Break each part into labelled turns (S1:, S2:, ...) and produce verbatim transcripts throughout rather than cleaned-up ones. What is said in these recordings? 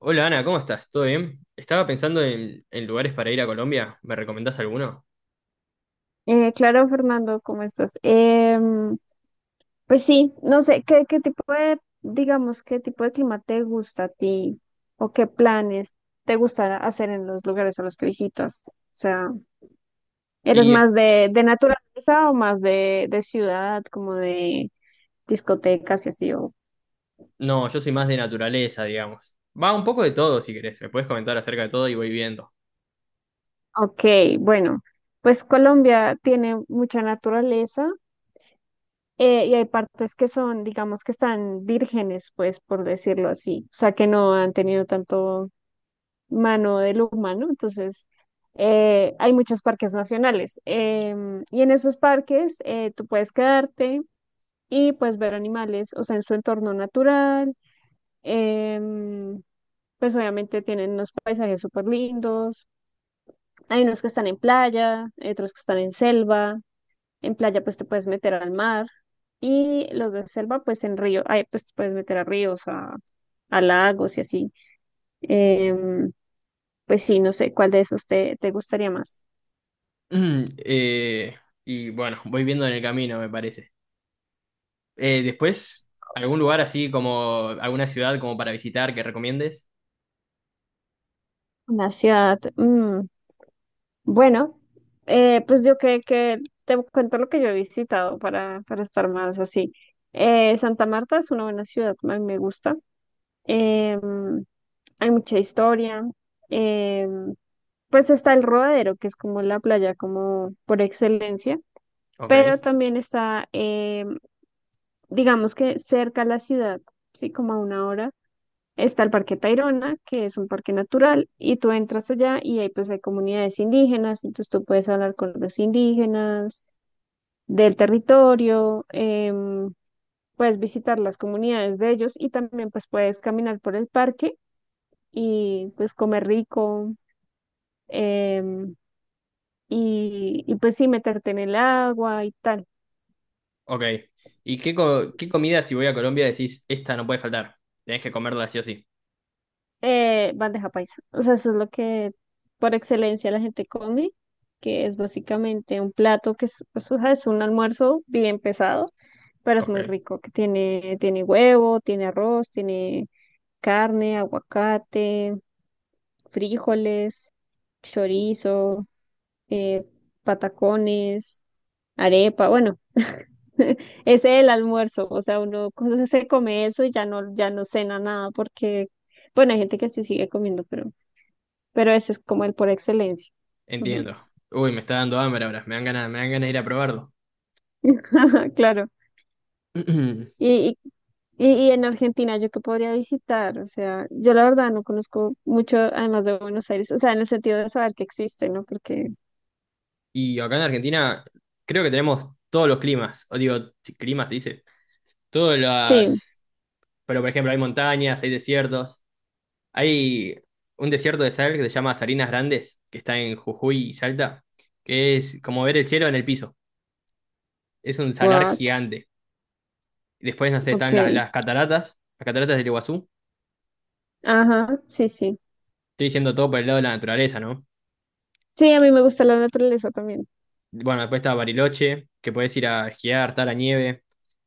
S1: Hola Ana, ¿cómo estás? ¿Todo bien? Estaba pensando en, en lugares para ir a Colombia. ¿Me recomendás alguno?
S2: Eh, claro, Fernando, ¿cómo estás? Em, pues sí, no sé, ¿qué, qué tipo de, digamos, qué tipo de clima te gusta a ti o qué planes te gusta hacer en los lugares a los que visitas? O sea, ¿eres
S1: Y eh,
S2: más de, de naturaleza o más de, de ciudad, como de discotecas y así? O...
S1: no, yo soy más de naturaleza, digamos. Va un poco de todo, si querés. Me puedes comentar acerca de todo y voy viendo.
S2: Ok, bueno, pues Colombia tiene mucha naturaleza. Eh, y hay partes que son, digamos, que están vírgenes, pues, por decirlo así. O sea, que no han tenido tanto mano del humano. Entonces, eh, hay muchos parques nacionales. Em, y en esos parques eh, tú puedes quedarte y pues ver animales, o sea, en su entorno natural. em, pues obviamente tienen unos paisajes súper lindos. Hay unos que están en playa, hay otros que están en selva. En playa pues te puedes meter al mar. Y los de selva, pues en río, ay, pues te puedes meter a ríos, a, a lagos y así. Em, pues sí, no sé, ¿cuál de esos te, te gustaría más?
S1: Mm, Eh, y bueno, voy viendo en el camino, me parece. Eh, después, ¿algún lugar así como alguna ciudad como para visitar que recomiendes?
S2: Una ciudad. Mm, bueno, eh, pues yo creo que te cuento lo que yo he visitado para, para estar más así. Eh, Santa Marta es una buena ciudad, a mí me gusta. Em, Hay mucha historia. em, pues está el Rodadero, que es como la playa como por excelencia,
S1: Ok,
S2: pero también está, em, digamos que cerca a la ciudad, sí, como a una hora. Está el Parque Tayrona, que es un parque natural, y tú entras allá y ahí pues hay comunidades indígenas, entonces tú puedes hablar con los indígenas del territorio, em, puedes visitar las comunidades de ellos y también pues puedes caminar por el parque y pues comer rico, em, y, y pues sí meterte en el agua y tal.
S1: ok. ¿Y qué, co- qué comida si voy a Colombia decís, esta no puede faltar? Tenés que comerla sí o sí.
S2: Eh, Bandeja paisa. O sea, eso es lo que por excelencia la gente come, que es básicamente un plato que es, pues, o sea, es un almuerzo bien pesado, pero es muy
S1: Ok.
S2: rico, que tiene, tiene huevo, tiene arroz, tiene carne, aguacate, frijoles, chorizo, eh, patacones, arepa, bueno. Ese es el almuerzo, o sea, uno co- se come eso y ya no, ya no cena nada porque, bueno, hay gente que sí sigue comiendo, pero pero ese es como el por excelencia. Ujú.
S1: Entiendo. Uy, me está dando hambre ahora. Me dan ganas, me dan ganas de ir a probarlo.
S2: Claro. Y, y, y en Argentina, ¿yo qué podría visitar? O sea, yo la verdad no conozco mucho, además de Buenos Aires, o sea, en el sentido de saber que existe, ¿no? Porque,
S1: Y acá en Argentina creo que tenemos todos los climas. O digo, si climas se dice. Todas
S2: sí,
S1: las. Pero por ejemplo, hay montañas, hay desiertos. Hay un desierto de sal que se llama Salinas Grandes, que está en Jujuy y Salta, que es como ver el cielo en el piso. Es un salar
S2: what,
S1: gigante. Después, no sé, están las,
S2: ok,
S1: las cataratas, las cataratas del Iguazú.
S2: ajá, sí, sí.
S1: Estoy diciendo todo por el lado de la naturaleza, ¿no?
S2: Sí, a mí me gusta la naturaleza también.
S1: Bueno, después está Bariloche, que puedes ir a esquiar, está la nieve.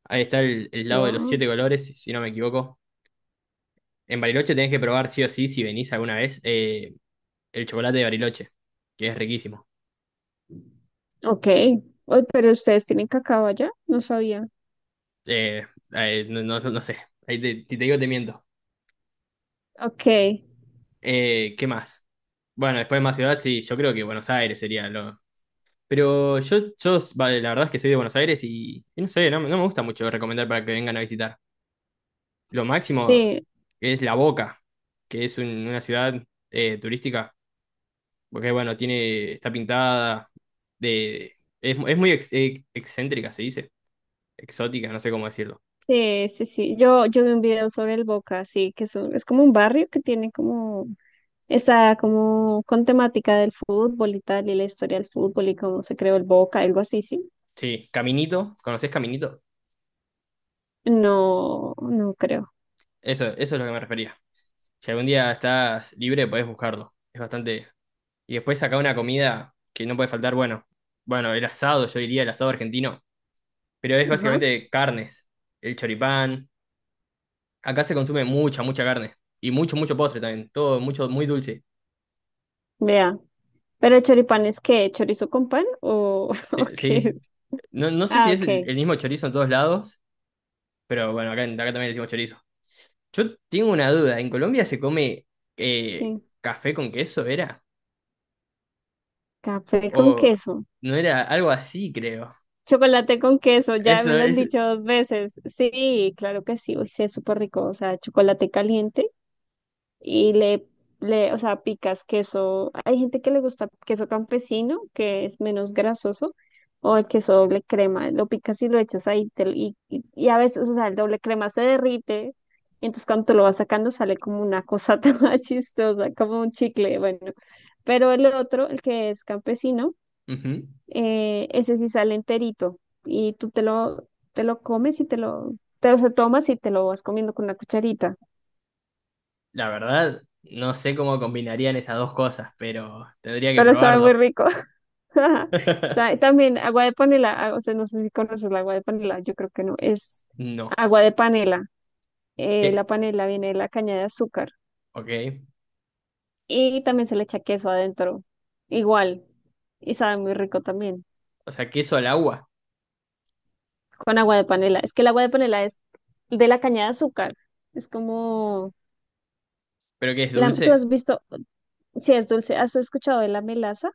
S1: Ahí está el, el lago de los
S2: Wow.
S1: siete colores, si si no me equivoco. En Bariloche tenés que probar sí o sí, si venís alguna vez, eh, el chocolate de Bariloche, que es riquísimo.
S2: Ok. Oy, pero ustedes tienen cacao allá, no sabía.
S1: Eh, eh, no, no- no no sé, ahí te, si te digo te miento.
S2: Ok,
S1: Eh, ¿qué más? Bueno, después más ciudad, sí, yo creo que Buenos Aires sería lo. Pero yo, yo, vale, la verdad es que soy de Buenos Aires y, y no sé, no, me no me gusta mucho recomendar para que vengan a visitar. Lo máximo
S2: sí,
S1: es La Boca, que es un- una ciudad eh, turística, porque bueno, tiene, está pintada de, es, es muy ex- eh, excéntrica, se dice, exótica, no sé cómo decirlo.
S2: sí, sí, sí. Yo, yo vi un video sobre el Boca, sí, que es, un- es como un barrio que tiene como. Está como con temática del fútbol y tal, y la historia del fútbol y cómo se creó el Boca, algo así, sí.
S1: Sí, Caminito, ¿conoces Caminito?
S2: No, no creo.
S1: Eso, eso es lo que me refería. Si algún día estás libre, podés buscarlo. Es bastante. Y después acá una comida que no puede faltar, bueno, bueno, el asado, yo diría el asado argentino, pero es
S2: Ajá,
S1: básicamente carnes, el choripán. Acá se consume mucha, mucha carne. Y mucho, mucho postre también. Todo mucho, muy dulce.
S2: vea. Pero el choripán es qué, ¿chorizo con pan o, o
S1: Sí.
S2: qué
S1: Sí.
S2: es?
S1: No, no sé si
S2: Ah,
S1: es el
S2: ok,
S1: el mismo chorizo en todos lados, pero bueno, acá, acá también decimos chorizo. Yo tengo una duda. ¿En Colombia se come eh,
S2: sí.
S1: café con queso, era?
S2: Café con
S1: O
S2: queso.
S1: no era algo así, creo.
S2: Chocolate con queso, ya
S1: Eso
S2: me lo han
S1: es.
S2: dicho dos veces. Sí, claro que sí, uy, sí, es súper rico. O sea, chocolate caliente. Y le, le, o sea, picas queso. Hay gente que le gusta queso campesino, que es menos grasoso, o el queso doble crema. Lo picas y lo echas ahí. te lo- y, y, y a veces, o sea, el doble crema se derrite. Entonces, cuando te lo vas sacando, sale como una cosa toda chistosa, como un chicle. Bueno, pero el otro, el que es campesino,
S1: Ujú.
S2: eh, ese sí sale enterito. Y tú te lo, te lo comes y te lo, te lo o sea, tomas y te lo vas comiendo con una cucharita.
S1: La verdad, no sé cómo combinarían esas dos cosas, pero tendría que
S2: Pero sabe
S1: probarlo.
S2: muy rico. Sa- También agua de panela, ah, o sea, no sé si conoces la agua de panela, yo creo que no, es
S1: No.
S2: agua de panela. Eh,
S1: ¿Qué?
S2: la panela viene de la caña de azúcar
S1: Ok.
S2: y también se le echa queso adentro, igual, y sabe muy rico también,
S1: O sea, queso al agua.
S2: con agua de panela. Es que el agua de panela es de la caña de azúcar, es como,
S1: ¿Pero qué es
S2: la- tú
S1: dulce?
S2: has visto, si es dulce, ¿has escuchado de la melaza?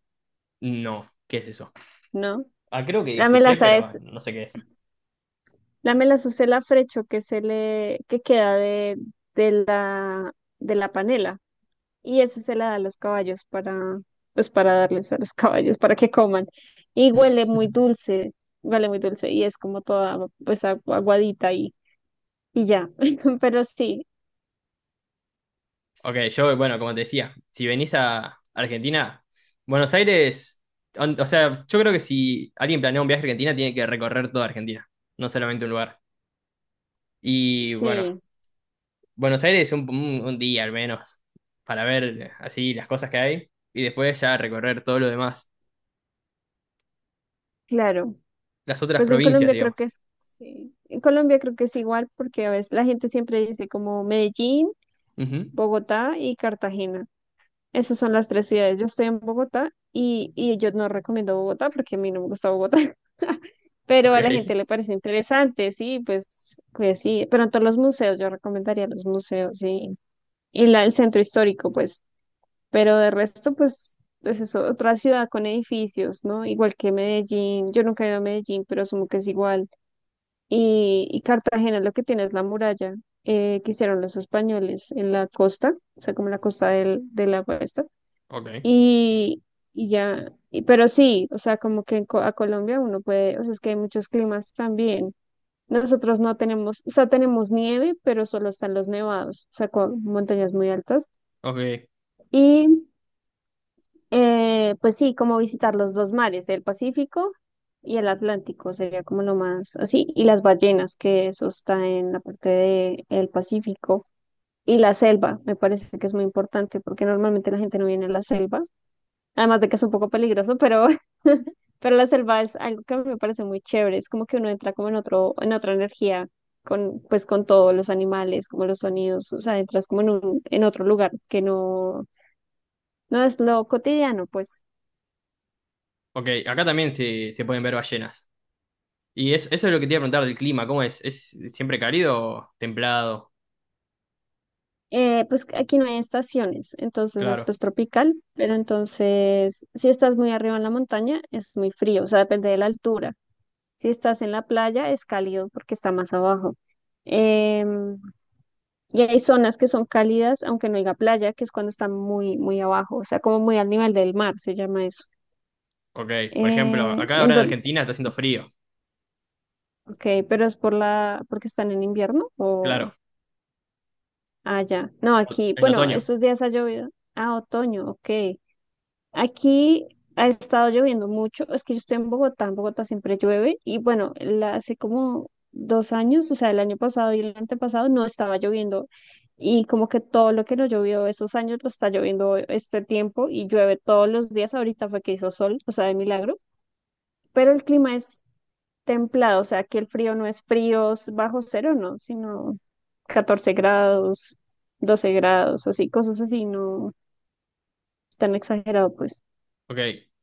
S1: No. ¿Qué es eso?
S2: ¿No?
S1: Ah, creo que
S2: La
S1: escuché,
S2: melaza
S1: pero
S2: es,
S1: no sé qué es.
S2: la melaza es el afrecho que se le, que queda de, de la, de la panela. Y eso se la da a los caballos para, pues para darles a los caballos para que coman. Y huele muy dulce, huele muy dulce y es como toda pues agu- aguadita y, y ya. Pero sí,
S1: Ok, yo, bueno, como te decía, si venís a Argentina, Buenos Aires, on- o sea, yo creo que si alguien planea un viaje a Argentina, tiene que recorrer toda Argentina, no solamente un lugar. Y bueno,
S2: sí,
S1: Buenos Aires un, un- un día al menos, para ver eh, así las cosas que hay, y después ya recorrer todo lo demás,
S2: claro.
S1: las otras
S2: Pues en
S1: provincias,
S2: Colombia creo que
S1: digamos.
S2: es, sí. En Colombia creo que es igual porque a veces la gente siempre dice como Medellín,
S1: Ujú.
S2: Bogotá y Cartagena. Esas son las tres ciudades. Yo estoy en Bogotá y, y yo no recomiendo Bogotá porque a mí no me gusta Bogotá. Pero
S1: Ok.
S2: a la gente le parece interesante, sí, pues, pues, sí, pero en todos los museos, yo recomendaría los museos, sí, y la, el centro histórico, pues, pero de resto, pues, pues es eso, otra ciudad con edificios, ¿no? Igual que Medellín, yo nunca he ido a Medellín, pero asumo que es igual, y, y Cartagena lo que tiene es la muralla. Eh, que hicieron los españoles en la costa, o sea, como la costa del, de la puesta,
S1: Ok,
S2: y, y ya, y- pero sí, o sea, como que en Co- a Colombia uno puede, o sea, es que hay muchos climas también, nosotros no tenemos, o sea, tenemos nieve, pero solo están los nevados, o sea, con montañas muy altas.
S1: ok,
S2: Y eh, pues sí, como visitar los dos mares, el Pacífico y el Atlántico, sería como lo más así. Y las ballenas, que eso está en la parte de el Pacífico. Y la selva, me parece que es muy importante, porque normalmente la gente no viene a la selva. Además de que es un poco peligroso, pero, pero la selva es algo que me parece muy chévere. Es como que uno entra como en otro, en otra energía, con, pues con todos los animales, como los sonidos, o sea, entras como en un, en otro lugar que no, no es lo cotidiano, pues.
S1: ok. Acá también se, se pueden ver ballenas. Y es- eso es lo que te iba a preguntar del clima, ¿cómo es? ¿Es siempre cálido o templado?
S2: Eh, pues aquí no hay estaciones, entonces es
S1: Claro,
S2: pues tropical, pero entonces si estás muy arriba en la montaña es muy frío, o sea, depende de la altura. Si estás en la playa es cálido porque está más abajo. Em, Y hay zonas que son cálidas, aunque no haya playa, que es cuando está muy, muy abajo, o sea, como muy al nivel del mar, se llama eso.
S1: ok. Por ejemplo,
S2: Eh,
S1: acá
S2: en
S1: ahora en
S2: don-
S1: Argentina está haciendo frío,
S2: ok, pero es por la, porque están en invierno o
S1: claro,
S2: allá. No,
S1: o-
S2: aquí,
S1: en
S2: bueno,
S1: otoño,
S2: estos días ha llovido. Ah, otoño, ok. Aquí ha estado lloviendo mucho. Es que yo estoy en Bogotá, en Bogotá siempre llueve. Y bueno, la- hace como dos años, o sea, el año pasado y el antepasado no estaba lloviendo. Y como que todo lo que no llovió esos años lo está lloviendo este tiempo y llueve todos los días. Ahorita fue que hizo sol, o sea, de milagro. Pero el clima es templado, o sea, que el frío no es frío bajo cero, no, sino catorce grados, doce grados, así, cosas así, no tan exagerado, pues.
S1: ok.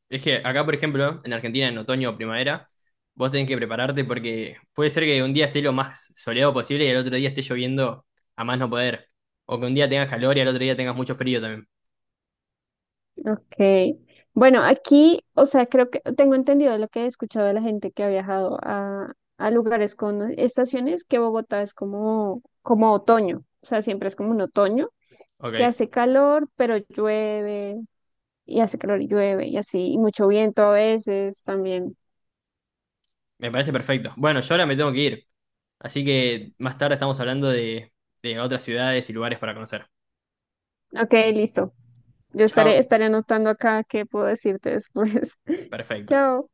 S1: Es que acá, por ejemplo, en Argentina, en otoño o primavera, vos tenés que prepararte porque puede ser que un día esté lo más soleado posible y el otro día esté lloviendo a más no poder. O que un día tengas calor y al otro día tengas mucho frío también.
S2: Ok. Bueno, aquí, o sea, creo que tengo entendido lo que he escuchado de la gente que ha viajado a, a lugares con estaciones, que Bogotá es como, como otoño, o sea, siempre es como un otoño,
S1: Ok,
S2: que hace calor, pero llueve, y hace calor y llueve, y así, y mucho viento a veces también.
S1: me parece perfecto. Bueno, yo ahora me tengo que ir, así que más tarde estamos hablando de, de otras ciudades y lugares para conocer.
S2: Ok, listo. Yo estaré,
S1: Chao.
S2: estaré anotando acá qué puedo decirte después.
S1: Perfecto.
S2: Chao.